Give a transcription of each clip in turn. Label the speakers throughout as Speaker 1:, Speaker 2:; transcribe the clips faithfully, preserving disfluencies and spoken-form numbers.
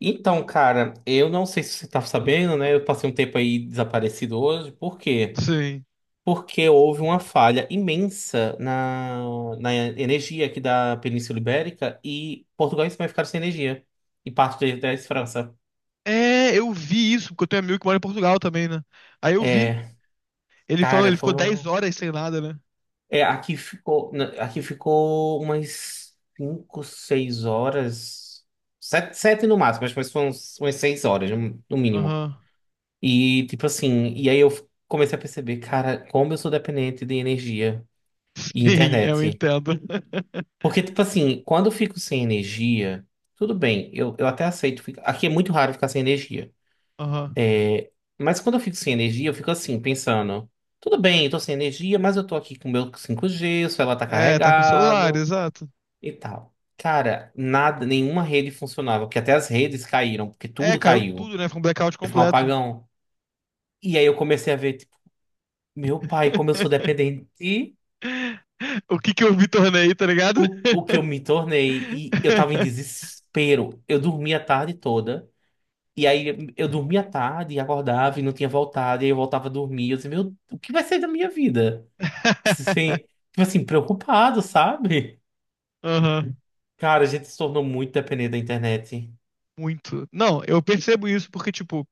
Speaker 1: Então, cara, eu não sei se você tá sabendo, né? Eu passei um tempo aí desaparecido hoje. Por quê?
Speaker 2: Sim.
Speaker 1: Porque houve uma falha imensa na, na energia aqui da Península Ibérica e Portugal e Espanha ficaram sem energia. E parte da da França.
Speaker 2: É, eu vi isso, porque eu tenho amigo que mora em Portugal também, né? Aí eu vi.
Speaker 1: É,
Speaker 2: Ele falou,
Speaker 1: cara,
Speaker 2: ele ficou dez
Speaker 1: foram.
Speaker 2: horas sem nada, né?
Speaker 1: É, aqui ficou, na- aqui ficou umas cinco, seis horas. sete sete no máximo, mas mas foram umas seis horas, no no mínimo.
Speaker 2: Aham.
Speaker 1: E tipo assim, e aí eu comecei a perceber, cara, como eu sou dependente de energia e
Speaker 2: Sim, eu
Speaker 1: internet.
Speaker 2: entendo.
Speaker 1: Porque, tipo assim, quando eu fico sem energia, tudo bem, eu, eu até aceito ficar. Aqui é muito raro ficar sem energia.
Speaker 2: Aham.
Speaker 1: Mas quando eu fico sem energia, eu fico assim, pensando, tudo bem, eu tô sem energia, mas eu tô aqui com o meu cinco g, o celular tá
Speaker 2: É, tá com celular,
Speaker 1: carregado
Speaker 2: exato.
Speaker 1: e tal. Cara, nada, nenhuma rede funcionava, porque até as redes caíram, porque
Speaker 2: É,
Speaker 1: tudo
Speaker 2: caiu
Speaker 1: caiu.
Speaker 2: tudo, né? Foi um blackout
Speaker 1: Foi um
Speaker 2: completo.
Speaker 1: apagão. E aí eu comecei a ver, tipo, meu pai, como eu sou dependente.
Speaker 2: O que que eu me tornei, tá ligado?
Speaker 1: O, o que eu me tornei, e eu tava em desespero. Eu dormia a tarde toda, e aí eu dormia à tarde, e acordava e não tinha voltado, e aí eu voltava a dormir. Eu disse, meu, o que vai ser da minha vida? Sim, tipo assim, preocupado, sabe?
Speaker 2: Aham.
Speaker 1: Cara, a gente se tornou muito dependente da internet.
Speaker 2: Muito. Não, eu percebo isso porque, tipo,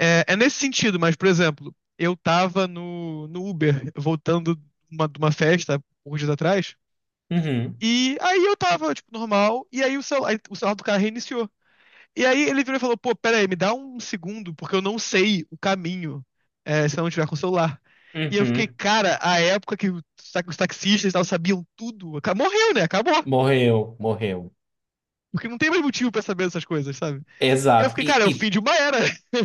Speaker 2: é, é nesse sentido, mas, por exemplo, eu tava no, no Uber, voltando de uma, de uma festa, uns dias atrás,
Speaker 1: Uhum,
Speaker 2: e aí eu tava, tipo, normal, e aí o celular, o celular do cara reiniciou. E aí ele virou e falou, pô, pera aí, me dá um segundo, porque eu não sei o caminho, é, se eu não tiver com o celular. E eu fiquei,
Speaker 1: uhum.
Speaker 2: cara, a época que os ta- os taxistas e tal sabiam tudo, aca- morreu, né? Acabou.
Speaker 1: Morreu, morreu.
Speaker 2: Porque não tem mais motivo pra saber essas coisas, sabe? E eu
Speaker 1: Exato.
Speaker 2: fiquei,
Speaker 1: E,
Speaker 2: cara, é o
Speaker 1: e
Speaker 2: fim de uma era.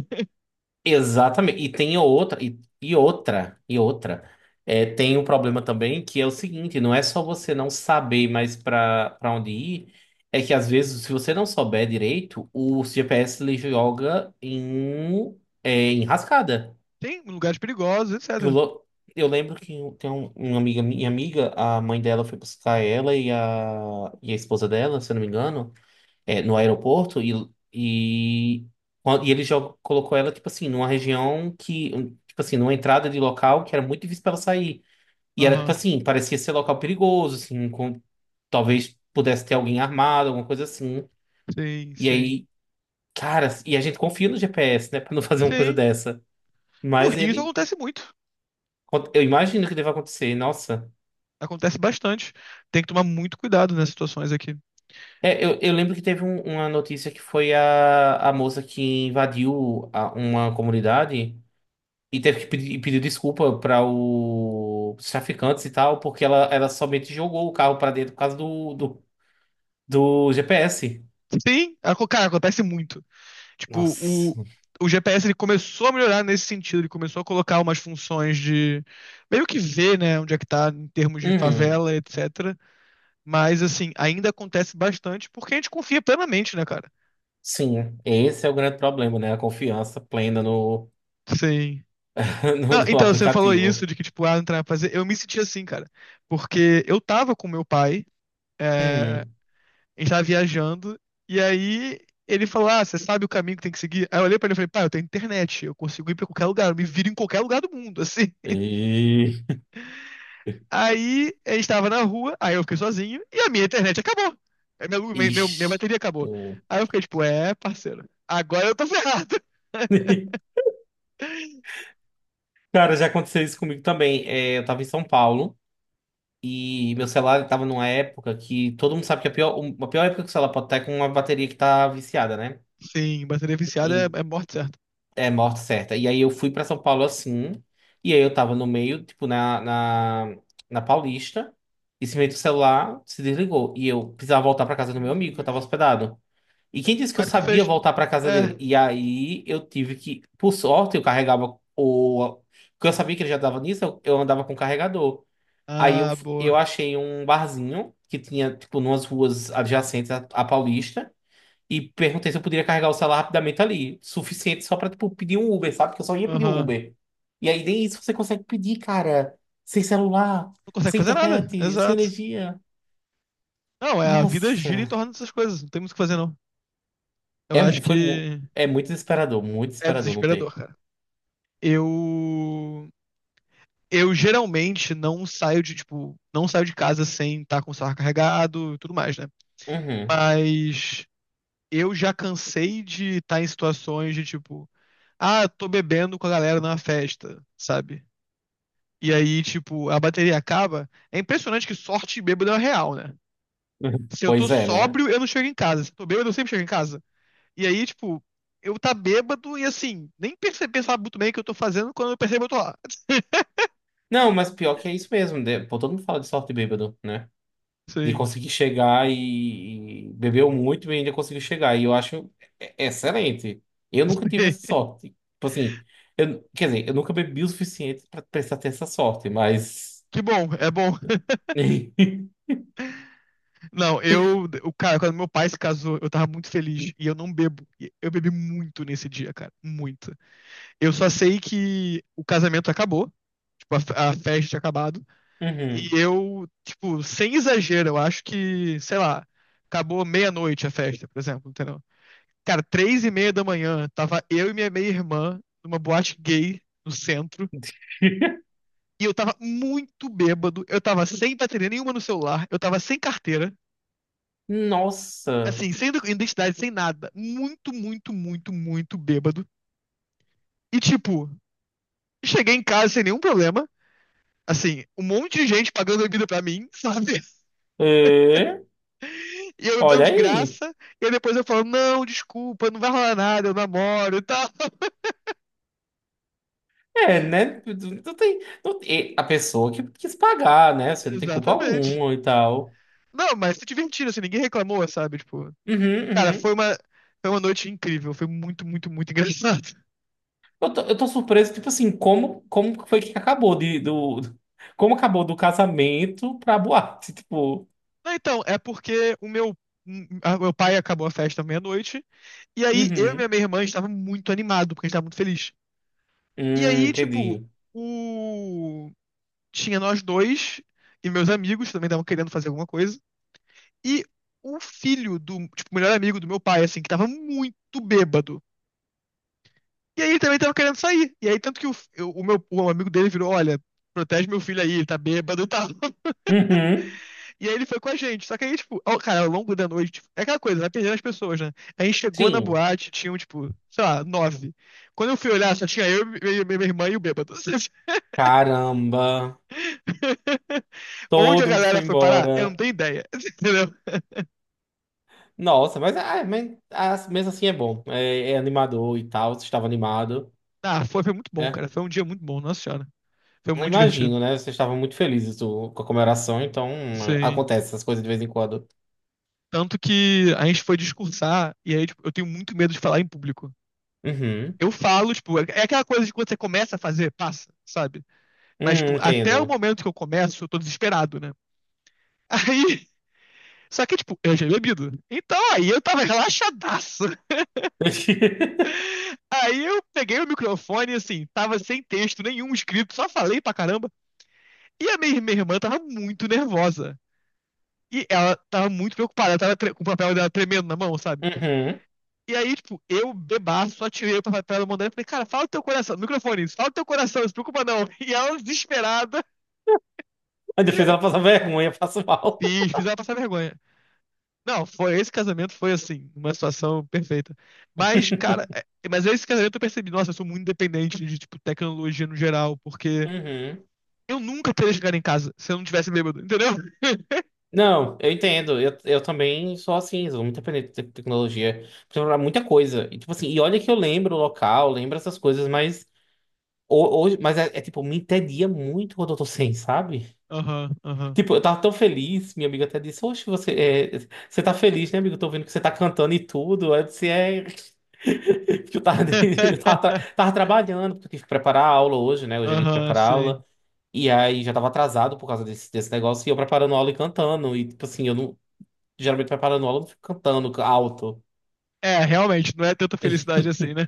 Speaker 1: exatamente. E tem outra, e, e outra, e outra. É, tem um problema também que é o seguinte, não é só você não saber mais para para onde ir, é que às vezes, se você não souber direito, o G P S ele joga em, é, em rascada.
Speaker 2: Tem lugares perigosos,
Speaker 1: Eu,
Speaker 2: etcétera.
Speaker 1: lo- eu lembro que um, tem um- uma amiga, minha amiga, a mãe dela foi buscar ela e a, e a esposa dela, se eu não me engano, é, no aeroporto, e, e, e ele jogou, colocou ela, tipo assim, numa região que, tipo assim, numa entrada de local que era muito difícil pra ela sair. E era, tipo
Speaker 2: Aham.
Speaker 1: assim, parecia ser local perigoso, assim, com, talvez pudesse ter alguém armado, alguma coisa assim.
Speaker 2: Sim,
Speaker 1: E
Speaker 2: sim.
Speaker 1: aí, cara, e a gente confia no G P S, né, pra não fazer uma coisa
Speaker 2: Sim.
Speaker 1: dessa.
Speaker 2: No
Speaker 1: Mas
Speaker 2: Rio isso
Speaker 1: ele,
Speaker 2: acontece muito.
Speaker 1: eu imagino que deva acontecer, nossa.
Speaker 2: Acontece bastante. Tem que tomar muito cuidado nessas situações aqui.
Speaker 1: É, eu, eu lembro que teve um- uma notícia que foi a, a, moça que invadiu a- uma comunidade. E teve que pedir, e desculpa para os traficantes e tal, porque ela, ela somente jogou o carro para dentro por causa do, do, do G P S.
Speaker 2: Sim, aco- cara, acontece muito. Tipo, o,
Speaker 1: Nossa.
Speaker 2: o G P S ele começou a melhorar nesse sentido. Ele começou a colocar umas funções de meio que ver, né, onde é que tá em termos de
Speaker 1: Uhum.
Speaker 2: favela, etcétera. Mas, assim, ainda acontece bastante porque a gente confia plenamente, né, cara?
Speaker 1: Sim, esse é o grande problema, né? A confiança plena no,
Speaker 2: Sim.
Speaker 1: no,
Speaker 2: Não,
Speaker 1: no
Speaker 2: então, você falou isso
Speaker 1: aplicativo.
Speaker 2: de que, tipo, ah, não tem nada pra fazer. Eu me senti assim, cara. Porque eu tava com meu pai. eh,
Speaker 1: Uhum.
Speaker 2: A gente tava viajando, e aí ele falou: Ah, você sabe o caminho que tem que seguir? Aí eu olhei pra ele e falei: Pá, eu tenho internet, eu consigo ir pra qualquer lugar, eu me viro em qualquer lugar do mundo, assim.
Speaker 1: E...
Speaker 2: Aí a gente tava na rua, aí eu fiquei sozinho, e a minha internet acabou. A Minha, lu- minha, minha- minha
Speaker 1: Ixi.
Speaker 2: bateria acabou.
Speaker 1: Eu-
Speaker 2: Aí eu fiquei tipo: É, parceiro, agora eu tô ferrado.
Speaker 1: Cara, já aconteceu isso comigo também. É, eu tava em São Paulo e meu celular ele tava numa época que todo mundo sabe que a pior, a pior época que o celular pode estar é com uma bateria que tá viciada, né?
Speaker 2: Sim, bateria viciada é, é morte certa.
Speaker 1: É, morte certa. E aí eu fui pra São Paulo assim, e aí eu tava no meio, tipo, na, na, na Paulista, e simplesmente o celular se desligou. E eu precisava voltar pra casa do meu amigo, que eu
Speaker 2: Jesus.
Speaker 1: tava hospedado. E quem disse que
Speaker 2: Como
Speaker 1: eu
Speaker 2: é que tu
Speaker 1: sabia
Speaker 2: fez?
Speaker 1: voltar pra casa
Speaker 2: É.
Speaker 1: dele? E aí eu tive que, por sorte, eu carregava o. Porque eu sabia que ele já dava nisso, eu, eu andava com o carregador. Aí eu,
Speaker 2: Ah, boa.
Speaker 1: eu achei um barzinho que tinha, tipo, numas ruas adjacentes à à Paulista. E perguntei se eu poderia carregar o celular rapidamente ali. Suficiente só pra, tipo, pedir um Uber, sabe? Porque eu só ia pedir um
Speaker 2: Aham.
Speaker 1: Uber. E aí nem isso você consegue pedir, cara. Sem celular,
Speaker 2: Não consegue
Speaker 1: sem
Speaker 2: fazer nada,
Speaker 1: internet, sem
Speaker 2: exato.
Speaker 1: energia.
Speaker 2: Não, é, a vida
Speaker 1: Nossa.
Speaker 2: gira em torno dessas coisas, não tem muito o que fazer, não. Eu
Speaker 1: É,
Speaker 2: acho
Speaker 1: mu- foi, mu-
Speaker 2: que
Speaker 1: é muito desesperador, muito
Speaker 2: é
Speaker 1: desesperador não
Speaker 2: desesperador,
Speaker 1: ter.
Speaker 2: cara. Eu eu geralmente não saio de, tipo, não saio de casa sem estar com o celular carregado e tudo mais, né?
Speaker 1: Uhum.
Speaker 2: Mas eu já cansei de estar em situações de tipo, ah, tô bebendo com a galera numa festa, sabe? E aí, tipo, a bateria acaba. É impressionante que sorte de bêbado é real, né? Se eu tô
Speaker 1: Pois é, né?
Speaker 2: sóbrio, eu não chego em casa. Se eu tô bêbado, eu sempre chego em casa. E aí, tipo, eu tá bêbado e assim, nem perceber, sabe muito bem o que eu tô fazendo, quando eu percebo, eu tô lá.
Speaker 1: Não, mas pior que é isso mesmo, né? Pô, todo mundo fala de sorte de bêbado, né? De
Speaker 2: Sim.
Speaker 1: conseguir chegar e, e, bebeu muito e ainda conseguiu chegar. E eu acho e- excelente. Eu nunca tive essa sorte. Tipo assim, eu, quer dizer, eu nunca bebi o suficiente para precisar ter essa sorte, mas.
Speaker 2: Que bom, é bom. Não, eu, o cara, quando meu pai se casou, eu tava muito feliz e eu não bebo. E eu bebi muito nesse dia, cara, muito. Eu só sei que o casamento acabou, tipo, a, fe- a festa tinha acabado, e
Speaker 1: Uhum.
Speaker 2: eu, tipo, sem exagero, eu acho que, sei lá, acabou meia-noite a festa, por exemplo, entendeu? Cara, três e meia da manhã, tava eu e minha meia-irmã numa boate gay no centro, e eu tava muito bêbado, eu tava sem bateria nenhuma no celular, eu tava sem carteira.
Speaker 1: Nossa.
Speaker 2: Assim, sem identidade, sem nada. Muito, muito, muito, muito bêbado. E, tipo, cheguei em casa sem nenhum problema. Assim, um monte de gente pagando bebida pra mim, sabe?
Speaker 1: É?
Speaker 2: E eu bebendo
Speaker 1: Olha
Speaker 2: de
Speaker 1: aí.
Speaker 2: graça. E aí depois eu falo, não, desculpa, não vai rolar nada, eu namoro e tal.
Speaker 1: É, né? Não tem, não tem- A pessoa que quis pagar, né? Você não tem culpa
Speaker 2: Exatamente.
Speaker 1: alguma e tal.
Speaker 2: Não, mas se divertiram, assim, ninguém reclamou, sabe? Tipo,
Speaker 1: Uhum,
Speaker 2: cara, foi
Speaker 1: uhum.
Speaker 2: uma, foi uma noite incrível. Foi muito, muito, muito engraçado.
Speaker 1: Eu tô, eu tô surpreso, tipo assim, como, como que foi que acabou de, do, como acabou do casamento pra boate, tipo,
Speaker 2: Não, então, é porque o meu, o meu, pai acabou a festa meia-noite. E aí, eu e
Speaker 1: uhum,
Speaker 2: minha, minha irmã estava muito animado, porque a gente estava muito feliz. E
Speaker 1: hum,
Speaker 2: aí, tipo,
Speaker 1: entendi,
Speaker 2: o... tinha nós dois e meus amigos que também estavam querendo fazer alguma coisa. E o filho do, tipo, o melhor amigo do meu pai, assim, que estava muito bêbado. E aí ele também estava querendo sair. E aí, tanto que o, eu- o meu o amigo dele virou, olha, protege meu filho aí, ele tá bêbado e tal.
Speaker 1: uhum,
Speaker 2: E aí ele foi com a gente. Só que aí, tipo, ó, cara, ao longo da noite, tipo, é aquela coisa, vai perdendo as pessoas, né? A gente chegou na
Speaker 1: sim,
Speaker 2: boate, tinham, tipo, sei lá, nove. Quando eu fui olhar, só tinha eu, minha, minha irmã e o bêbado.
Speaker 1: caramba,
Speaker 2: Onde a
Speaker 1: todo mundo
Speaker 2: galera
Speaker 1: foi
Speaker 2: foi parar, eu não
Speaker 1: embora,
Speaker 2: tenho ideia. Entendeu?
Speaker 1: nossa, mas, ah, mas ah, mesmo assim é bom, é, é animador e tal, você estava animado,
Speaker 2: Ah, foi, foi muito bom,
Speaker 1: né,
Speaker 2: cara. Foi um dia muito bom, nossa senhora. Foi
Speaker 1: eu
Speaker 2: muito divertido.
Speaker 1: imagino, né, vocês estavam muito felizes do- com a comemoração, então hum,
Speaker 2: Sim.
Speaker 1: acontece essas coisas de vez em quando,
Speaker 2: Tanto que a gente foi discursar, e aí, tipo, eu tenho muito medo de falar em público.
Speaker 1: uhum,
Speaker 2: Eu falo, tipo, é é aquela coisa de quando você começa a fazer, passa, sabe? Mas,
Speaker 1: hum,
Speaker 2: tipo, até o
Speaker 1: entendo,
Speaker 2: momento que eu começo, eu tô desesperado, né? Aí. Só que, tipo, eu já tinha bebido. Então aí eu tava relaxadaço. Aí eu peguei o microfone, assim, tava sem texto nenhum escrito, só falei pra caramba. E a minha, minha, irmã tava muito nervosa. E ela tava muito preocupada, ela tava tre- com o papel dela tremendo na mão, sabe?
Speaker 1: uhum.
Speaker 2: E aí, tipo, eu bebaço, só tirei o papel dela da mão dela e falei, cara, fala o teu coração, no microfone, fala o teu coração, não se preocupa não. E ela, desesperada,
Speaker 1: Ainda fez ela passar vergonha, eu passo mal.
Speaker 2: fiz, fiz ela passar vergonha. Não, foi esse casamento foi assim, uma situação perfeita. Mas, cara, é- mas esse casamento eu percebi, nossa, eu sou muito dependente de tipo tecnologia no geral, porque
Speaker 1: Uhum.
Speaker 2: eu nunca teria chegado em casa se eu não tivesse bêbado, entendeu?
Speaker 1: Não, eu entendo. Eu, eu também sou assim, sou muito dependente de tecnologia para muita coisa. E, tipo assim, e olha que eu lembro o local, lembro essas coisas, mas ho- hoje, mas é, é, tipo, me entedia muito quando eu tô sem, sabe?
Speaker 2: Aham, aham.
Speaker 1: Tipo, eu tava tão feliz, minha amiga até disse, Oxe, você, é, você tá feliz, né, amigo? Tô vendo que você tá cantando e tudo. Aí eu disse, é. Que eu tava, eu tava, tra- tava trabalhando, porque eu tive que preparar a aula hoje, né? Hoje é dia de
Speaker 2: Aham,
Speaker 1: preparar a
Speaker 2: sim.
Speaker 1: aula. E aí já tava atrasado por causa desse, desse negócio e eu preparando aula e cantando. E tipo assim, eu não. Geralmente preparando aula eu não fico cantando alto.
Speaker 2: É, realmente, não é tanta felicidade assim, né?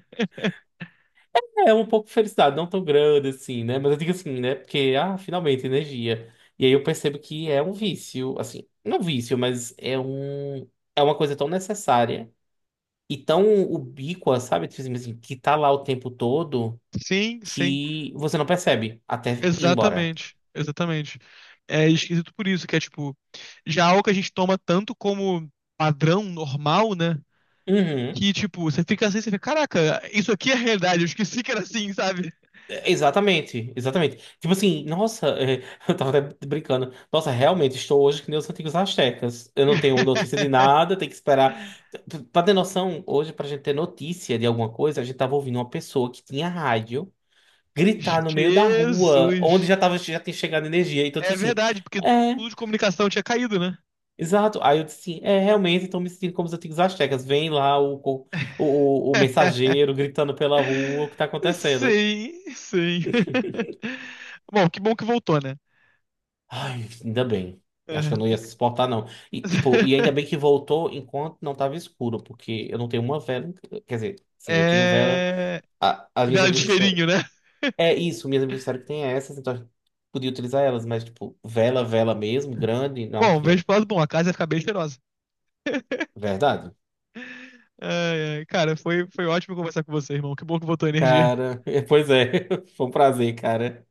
Speaker 1: É um pouco de felicidade, não tão grande assim, né? Mas eu digo assim, né? Porque, ah, finalmente, energia. E aí eu percebo que é um vício, assim, não é um vício, mas é um. É uma coisa tão necessária e tão ubíqua, sabe? Tipo assim, assim, que tá lá o tempo todo
Speaker 2: Sim, sim.
Speaker 1: que você não percebe até ir embora.
Speaker 2: Exatamente, exatamente. É esquisito por isso, que é tipo, já algo que a gente toma tanto como padrão normal, né?
Speaker 1: Uhum.
Speaker 2: Que, tipo, você fica assim, você fica, caraca, isso aqui é realidade, eu esqueci que era assim, sabe?
Speaker 1: É, exatamente, exatamente. Tipo assim, nossa, é, eu tava até brincando. Nossa, realmente estou hoje que nem os antigos astecas. Eu não tenho notícia de nada, tenho que esperar. P- Pra ter noção, hoje, pra gente ter notícia de alguma coisa, a gente tava ouvindo uma pessoa que tinha rádio gritar no meio da rua, onde
Speaker 2: Jesus.
Speaker 1: já tava, já tinha chegado energia. Então, eu
Speaker 2: É
Speaker 1: disse assim,
Speaker 2: verdade, porque
Speaker 1: é,
Speaker 2: tudo de comunicação tinha caído, né?
Speaker 1: exato. Aí eu disse assim, é, realmente, estou me sentindo como os antigos astecas. Vem lá o, co- o, o o mensageiro gritando pela rua, o que tá acontecendo?
Speaker 2: Sim, sim. Bom, que bom que voltou, né?
Speaker 1: Ai, ainda bem. Eu acho que eu não
Speaker 2: É.
Speaker 1: ia suportar, não. E, tipo, e ainda bem que voltou enquanto não tava escuro, porque eu não tenho uma vela. em ca- Quer dizer, sim, eu tenho vela.
Speaker 2: É.
Speaker 1: a- as minhas
Speaker 2: Vela de
Speaker 1: amigas disseram.
Speaker 2: cheirinho, né?
Speaker 1: É isso, minhas amigas disseram que tem essas, então a podia utilizar elas, mas, tipo, vela, vela mesmo, grande, não
Speaker 2: Bom, vejo
Speaker 1: tinha.
Speaker 2: pro lado bom, a casa ia ficar bem cheirosa.
Speaker 1: Verdade?
Speaker 2: Ai, ai. Cara, foi, foi ótimo conversar com você, irmão. Que bom que voltou a energia.
Speaker 1: Cara, pois é. Foi um prazer, cara.